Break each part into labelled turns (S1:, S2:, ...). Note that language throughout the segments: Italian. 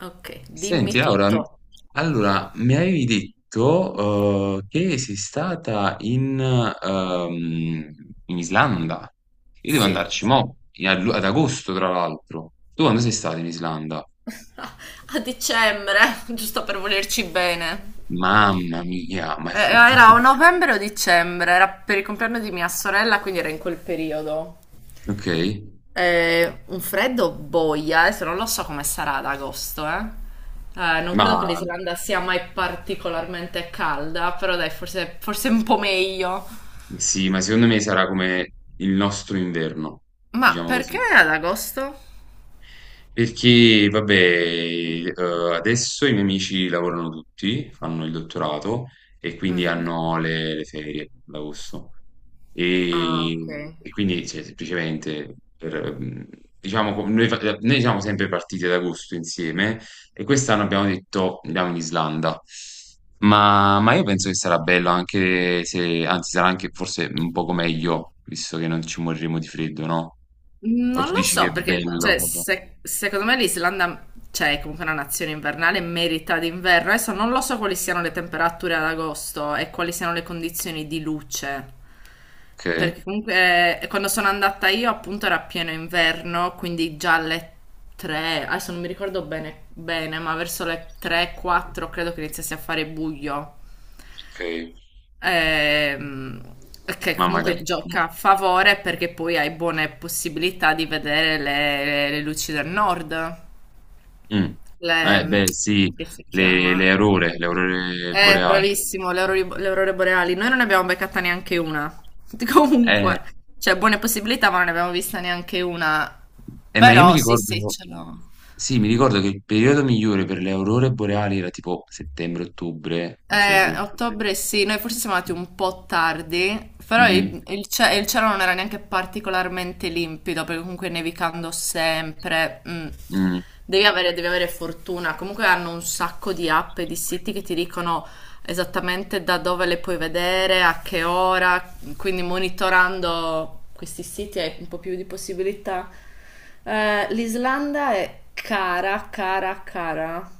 S1: Ok,
S2: Senti
S1: dimmi
S2: Laura,
S1: tutto.
S2: allora mi avevi detto che sei stata in Islanda. Io devo
S1: Sì.
S2: andarci mo, ad agosto tra l'altro. Tu quando sei stata in Islanda?
S1: A dicembre, giusto per volerci bene.
S2: Mamma mia, ma è forte.
S1: Era o novembre o dicembre, era per il compleanno di mia sorella, quindi era in quel periodo.
S2: Ok,
S1: Un freddo boia, adesso non lo so come sarà ad agosto, eh. Non
S2: ma
S1: credo che l'Islanda sia mai particolarmente calda, però dai, forse, forse un po' meglio.
S2: sì, ma secondo me sarà come il nostro inverno,
S1: Ma
S2: diciamo
S1: perché
S2: così.
S1: ad agosto?
S2: Perché, vabbè, adesso i miei amici lavorano tutti, fanno il dottorato e quindi
S1: Mhm.
S2: hanno le ferie d'agosto.
S1: Ah, ok.
S2: E quindi, cioè, semplicemente, diciamo, noi siamo sempre partiti ad agosto insieme e quest'anno abbiamo detto andiamo in Islanda. Ma io penso che sarà bello anche se, anzi, sarà anche forse un poco meglio, visto che non ci moriremo di freddo, no? O
S1: Non
S2: tu
S1: lo
S2: dici che è
S1: so, perché
S2: bello?
S1: cioè, secondo me l'Islanda, cioè, è comunque una nazione invernale, merita d'inverno. Adesso non lo so quali siano le temperature ad agosto e quali siano le condizioni di luce.
S2: Okay,
S1: Perché comunque quando sono andata io appunto era pieno inverno, quindi già alle 3, adesso non mi ricordo bene, bene, ma verso le 3-4 credo che iniziasse a fare buio.
S2: okay.
S1: Ehm, che
S2: Ma
S1: comunque
S2: magari, mh.
S1: gioca a favore perché poi hai buone possibilità di vedere le luci del nord.
S2: Mh. Eh
S1: Le,
S2: beh sì,
S1: che si
S2: le
S1: chiama?
S2: aurore, le aurore boreali.
S1: Bravissimo, le aurore boreali. Noi non ne abbiamo beccata neanche una.
S2: Eh,
S1: Comunque, cioè buone possibilità, ma non ne abbiamo vista neanche una.
S2: ma io mi
S1: Però sì, sì,
S2: ricordo,
S1: ce l'ho.
S2: sì, mi ricordo che il periodo migliore per le aurore boreali era tipo settembre-ottobre, non so se.
S1: Ottobre sì, noi forse siamo andati un po' tardi, però
S2: mh-mh,
S1: il cielo non era neanche particolarmente limpido, perché comunque nevicando sempre,
S2: mh.
S1: devi avere fortuna. Comunque hanno un sacco di app e di siti che ti dicono esattamente da dove le puoi vedere, a che ora, quindi monitorando questi siti hai un po' più di possibilità. L'Islanda è cara, cara, cara.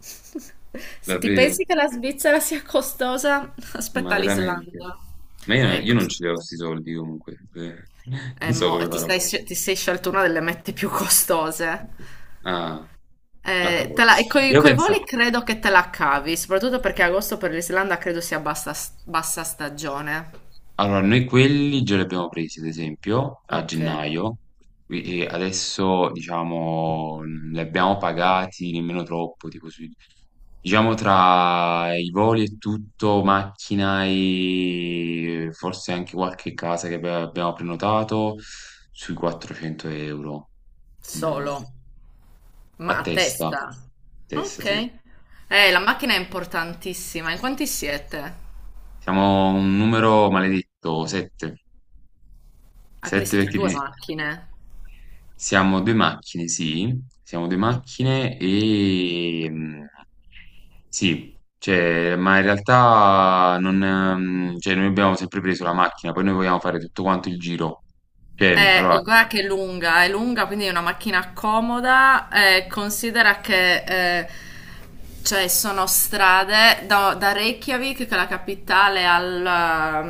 S1: Se ti
S2: Davvero?
S1: pensi che la Svizzera sia costosa,
S2: Ma
S1: aspetta
S2: veramente?
S1: l'Islanda.
S2: Ma io
S1: È
S2: io non
S1: costosa.
S2: ce li ho 'sti soldi comunque,
S1: È
S2: non so
S1: mo- e
S2: come
S1: ti
S2: farò.
S1: stai- ti sei scelto una delle mete più costose.
S2: Ah, vacca po'.
S1: E coi,
S2: Io
S1: coi
S2: pensa
S1: voli credo che te la cavi, soprattutto perché agosto per l'Islanda credo sia bassa, bassa stagione.
S2: Allora, noi quelli già li abbiamo presi, ad esempio, a
S1: Ok,
S2: gennaio, e adesso, diciamo, li abbiamo pagati nemmeno troppo, diciamo tra i voli e tutto, macchina e forse anche qualche casa che abbiamo prenotato, sui 400 euro, almeno
S1: solo, ma a
S2: a
S1: testa.
S2: testa,
S1: Ok.
S2: sì.
S1: La macchina è importantissima. In quanti siete?
S2: Siamo un numero maledetto, 7,
S1: Ah, quindi
S2: 7
S1: siete
S2: perché
S1: due
S2: di-
S1: macchine.
S2: Siamo 2 macchine, sì, siamo 2
S1: Ok.
S2: macchine, sì, cioè, ma in realtà non cioè, noi abbiamo sempre preso la macchina, poi noi vogliamo fare tutto quanto il giro. Cioè, allora,
S1: Guarda che è lunga, quindi è una macchina comoda. Considera che cioè sono strade da Reykjavik, che è la capitale,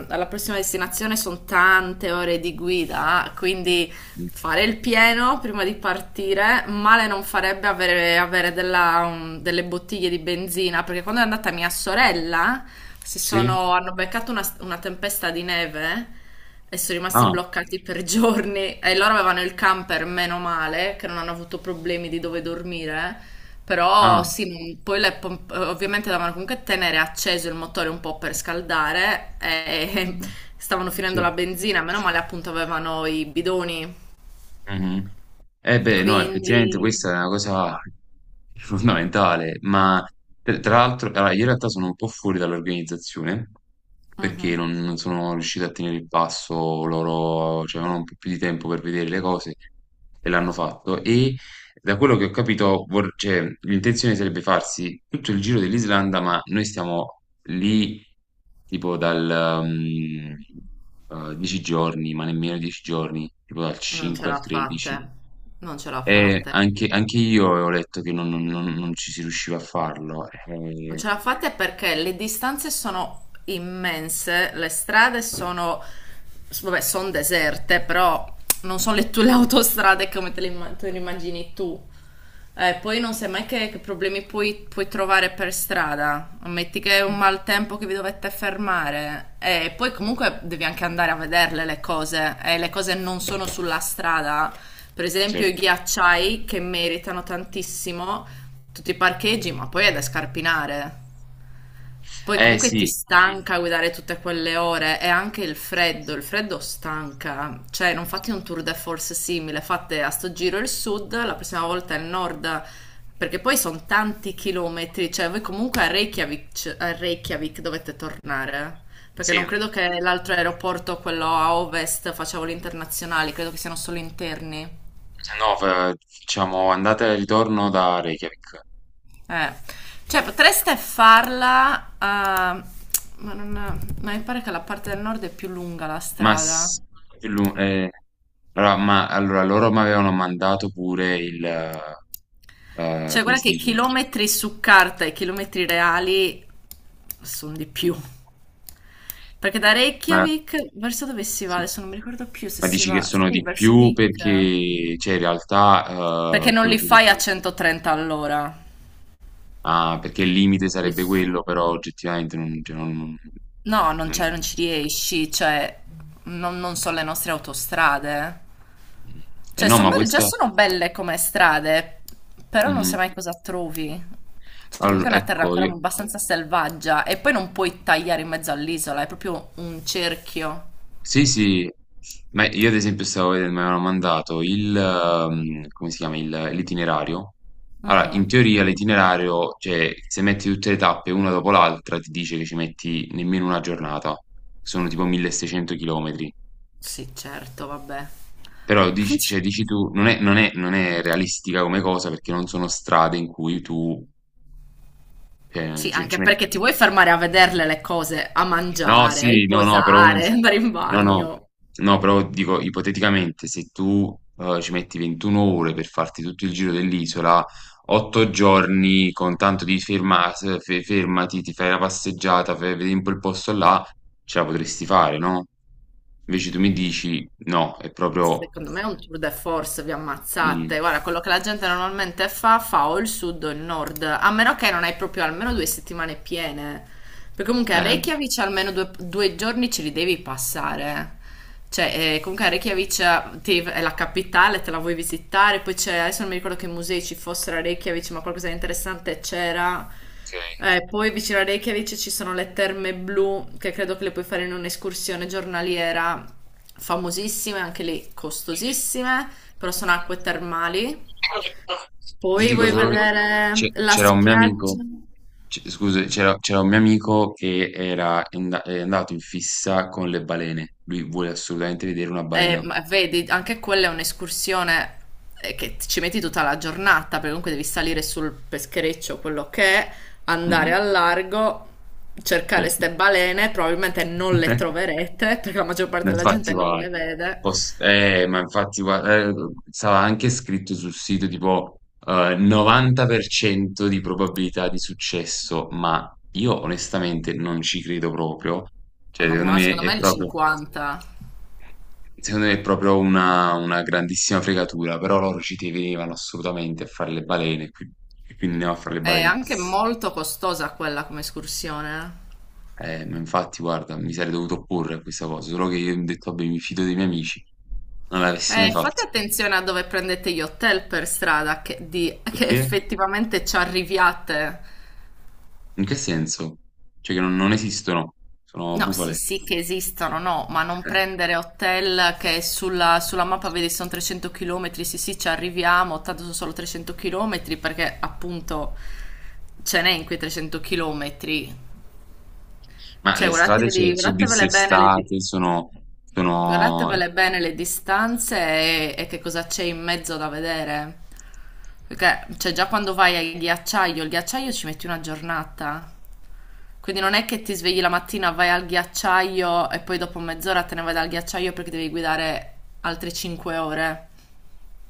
S1: alla prossima destinazione sono tante ore di guida, quindi
S2: mh,
S1: fare il pieno prima di partire. Male non farebbe avere delle bottiglie di benzina, perché quando è andata mia sorella,
S2: sì?
S1: hanno beccato una tempesta di neve e sono rimasti
S2: Ah,
S1: bloccati per giorni. E loro avevano il camper, meno male, che non hanno avuto problemi di dove dormire. Però
S2: ah,
S1: sì, poi ovviamente dovevano comunque tenere acceso il motore un po' per scaldare e
S2: mh-mh,
S1: stavano
S2: sì.
S1: finendo la benzina, meno male appunto avevano i bidoni
S2: Mhm. Eh beh, no, effettivamente questa
S1: quindi
S2: è una cosa fondamentale, ma tra l'altro, allora, io in realtà sono un po' fuori dall'organizzazione perché
S1: mhm,
S2: non sono riuscito a tenere il passo, loro, cioè, avevano un po' più di tempo per vedere le cose e l'hanno fatto e da quello che ho capito, cioè, l'intenzione sarebbe farsi tutto il giro dell'Islanda, ma noi stiamo lì tipo 10 giorni, ma nemmeno 10 giorni, tipo dal
S1: non ce
S2: 5 al
S1: l'ha
S2: 13.
S1: fatta, eh. Non ce l'ha
S2: E
S1: fatta.
S2: anche io ho letto che non ci si riusciva a farlo.
S1: Non ce la fate perché le distanze sono immense, le strade sono, vabbè, sono deserte, però non sono le, tue, le autostrade come te le immagini tu. Poi non sai mai che problemi puoi trovare per strada. Metti che è un maltempo che vi dovete fermare. E poi comunque devi anche andare a vederle le cose. E le cose non sono sulla strada. Per esempio i
S2: Certo.
S1: ghiacciai che meritano tantissimo tutti i parcheggi, ma poi è da scarpinare. Poi
S2: Eh
S1: comunque ti
S2: sì,
S1: stanca guidare tutte quelle ore e anche il freddo stanca. Cioè, non fate un tour de force simile, fate a sto giro il sud, la prossima volta il nord, perché poi sono tanti chilometri, cioè voi comunque a Reykjavik dovete tornare. Perché
S2: sì,
S1: non credo che l'altro aeroporto, quello a ovest, faccia voli internazionali, credo che siano solo interni.
S2: no, diciamo andata e ritorno da Reykjavik.
S1: Eh, cioè
S2: Eh,
S1: potreste farla, ma non, ma mi pare che la parte del nord è più lunga la
S2: Ma,
S1: strada.
S2: s- più lu- eh, allora loro mi avevano mandato pure il,
S1: Cioè,
S2: come
S1: guarda
S2: si
S1: che
S2: dice?
S1: chilometri su carta e chilometri reali sono di più. Perché da
S2: Ma,
S1: Reykjavik verso dove si va?
S2: sì.
S1: Adesso non mi ricordo più se
S2: Ma
S1: si
S2: dici che
S1: va.
S2: sono
S1: Sì,
S2: di
S1: verso
S2: più?
S1: Vik.
S2: Perché, cioè, in realtà,
S1: Perché non
S2: quello
S1: li
S2: che
S1: fai a 130 all'ora.
S2: ah, perché il limite sarebbe
S1: Li-
S2: quello, però oggettivamente non,
S1: No, non c'è, non
S2: non
S1: ci riesci. Cioè, non sono le nostre autostrade. Cioè,
S2: no,
S1: son
S2: ma
S1: belle, già
S2: questa,
S1: sono belle come strade, però non sai
S2: mh-mh.
S1: mai cosa trovi. Cioè,
S2: Allo
S1: comunque è una terra
S2: ecco
S1: ancora
S2: io
S1: abbastanza selvaggia e poi non puoi tagliare in mezzo all'isola, è proprio un cerchio.
S2: sì, sì, ma io ad esempio stavo veden mi avevano mandato come si chiama, il l'itinerario. Allora, in
S1: Mhm.
S2: teoria l'itinerario, cioè se metti tutte le tappe una dopo l'altra, ti dice che ci metti nemmeno 1 giornata. Sono tipo 1.600 chilometri.
S1: Sì, certo, vabbè.
S2: Però dici tu non è non è realistica come cosa, perché non sono strade in cui tu,
S1: Sì,
S2: ci
S1: anche
S2: metti,
S1: perché ti vuoi fermare a vederle le cose, a
S2: no,
S1: mangiare, a
S2: sì, no, no, però uno
S1: riposare,
S2: dice,
S1: andare in
S2: no, no,
S1: bagno.
S2: no, però dico, ipoteticamente, se tu, ci metti 21 ore per farti tutto il giro dell'isola, 8 giorni con tanto di fermas fe fermati, ti fai la passeggiata, fai vedi un po' il posto là, ce la potresti fare, no? Invece tu mi dici: "No, è proprio".
S1: Secondo me è un tour de force, vi
S2: mh,
S1: ammazzate. Guarda, quello che la gente normalmente fa o il sud o il nord, a meno che non hai proprio almeno due settimane piene. Perché comunque a
S2: ehm,
S1: Reykjavik almeno due giorni ce li devi passare. Cioè, comunque a Reykjavik è la capitale, te la vuoi visitare, poi c'è, adesso non mi ricordo che musei ci fossero a Reykjavik, ma qualcosa di interessante c'era.
S2: okay.
S1: Poi vicino a Reykjavik ci sono le terme blu che credo che le puoi fare in un'escursione giornaliera famosissime, anche lì costosissime, però sono acque termali.
S2: Ti
S1: Poi
S2: dico
S1: vuoi
S2: solo che
S1: vedere la
S2: c'era un mio amico,
S1: spiaggia?
S2: scusa, c'era un mio amico che è andato in fissa con le balene. Lui vuole assolutamente vedere una balena.
S1: Ma vedi, anche quella è un'escursione che ci metti tutta la giornata, perché comunque devi salire sul peschereccio, quello che è, andare
S2: Mhm,
S1: al largo, cercare
S2: certo.
S1: ste balene, probabilmente non le troverete, perché la maggior
S2: Ma
S1: parte della
S2: infatti
S1: gente non le
S2: guarda,
S1: vede.
S2: ma infatti guarda, stava anche scritto sul sito tipo, 90% di probabilità di successo, ma io onestamente non ci credo proprio.
S1: Oh,
S2: Cioè,
S1: mamma,
S2: secondo
S1: ma
S2: me
S1: secondo
S2: è
S1: me il
S2: proprio,
S1: 50
S2: secondo me è proprio una grandissima fregatura, però loro ci tenevano assolutamente a fare le balene, e quindi andiamo a fare le
S1: è
S2: balene.
S1: anche molto costosa quella come escursione.
S2: Ma infatti, guarda, mi sarei dovuto opporre a questa cosa, solo che io mi ho detto, vabbè, mi fido dei miei amici, non l'avessi mai
S1: Fate
S2: fatto.
S1: attenzione a dove prendete gli hotel per strada, che
S2: Perché?
S1: effettivamente ci arriviate.
S2: In che senso? Cioè che non esistono, sono
S1: No, sì,
S2: bufale.
S1: sì che esistono, no, ma non prendere hotel che sulla mappa vedi sono 300 km, sì, sì, ci arriviamo, tanto sono solo 300 km, perché appunto ce n'è in quei 300 km.
S2: Ma
S1: Cioè,
S2: le strade, cioè,
S1: guardateveli,
S2: sono
S1: guardatevele bene le... di-
S2: dissestate. Sono...
S1: Guardatevele bene le distanze e che cosa c'è in mezzo da vedere. Perché cioè, già quando vai al ghiacciaio, il ghiacciaio ci metti una giornata. Quindi non è che ti svegli la mattina, vai al ghiacciaio e poi dopo mezz'ora te ne vai dal ghiacciaio perché devi guidare altre 5 ore.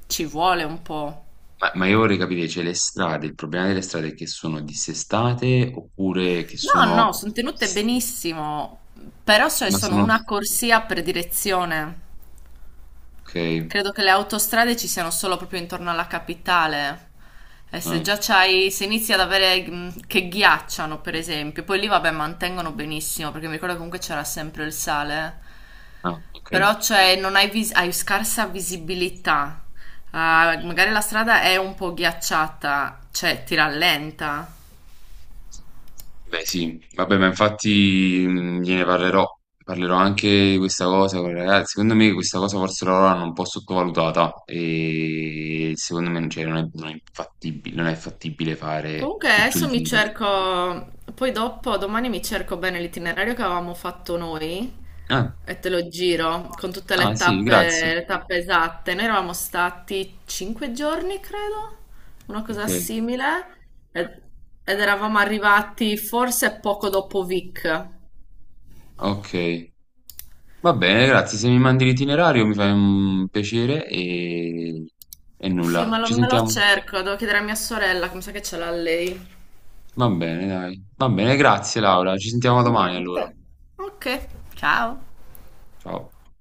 S1: Ci vuole un po'.
S2: ma io vorrei capire, cioè, le strade, il problema delle strade è che sono dissestate oppure che
S1: No,
S2: sono?
S1: no, sono tenute benissimo, però cioè,
S2: Ma
S1: sono
S2: sono...
S1: una corsia per direzione.
S2: Ok,
S1: Credo che le autostrade ci siano solo proprio intorno alla capitale. E se
S2: ah,
S1: già c'hai, se inizi ad avere che ghiacciano, per esempio, poi lì vabbè mantengono benissimo, perché mi ricordo che comunque c'era sempre il sale.
S2: ah, ok.
S1: Però cioè non hai, hai scarsa visibilità. Ah, magari la strada è un po' ghiacciata, cioè ti rallenta.
S2: Beh sì, vabbè, ma infatti, gliene parlerò, parlerò anche di questa cosa con i ragazzi. Secondo me questa cosa forse loro l'hanno un po' sottovalutata e secondo me, cioè, non è fattibile, non è fattibile fare
S1: Comunque
S2: tutto il
S1: adesso mi
S2: giro.
S1: cerco, poi dopo, domani mi cerco bene l'itinerario che avevamo fatto noi
S2: Ah,
S1: e te lo giro con tutte
S2: ah sì, grazie.
S1: le tappe esatte. Noi eravamo stati 5 giorni, credo, una cosa
S2: Ok,
S1: simile, ed, ed eravamo arrivati forse poco dopo Vic.
S2: ok. Va bene, grazie. Se mi mandi l'itinerario mi fai un piacere e
S1: Sì,
S2: nulla.
S1: ma
S2: Ci
S1: me lo
S2: sentiamo.
S1: cerco, devo chiedere a mia sorella, come sa che ce l'ha lei.
S2: Va bene, dai. Va bene, grazie Laura. Ci sentiamo domani
S1: Niente.
S2: allora.
S1: Ok, ciao.
S2: Ciao.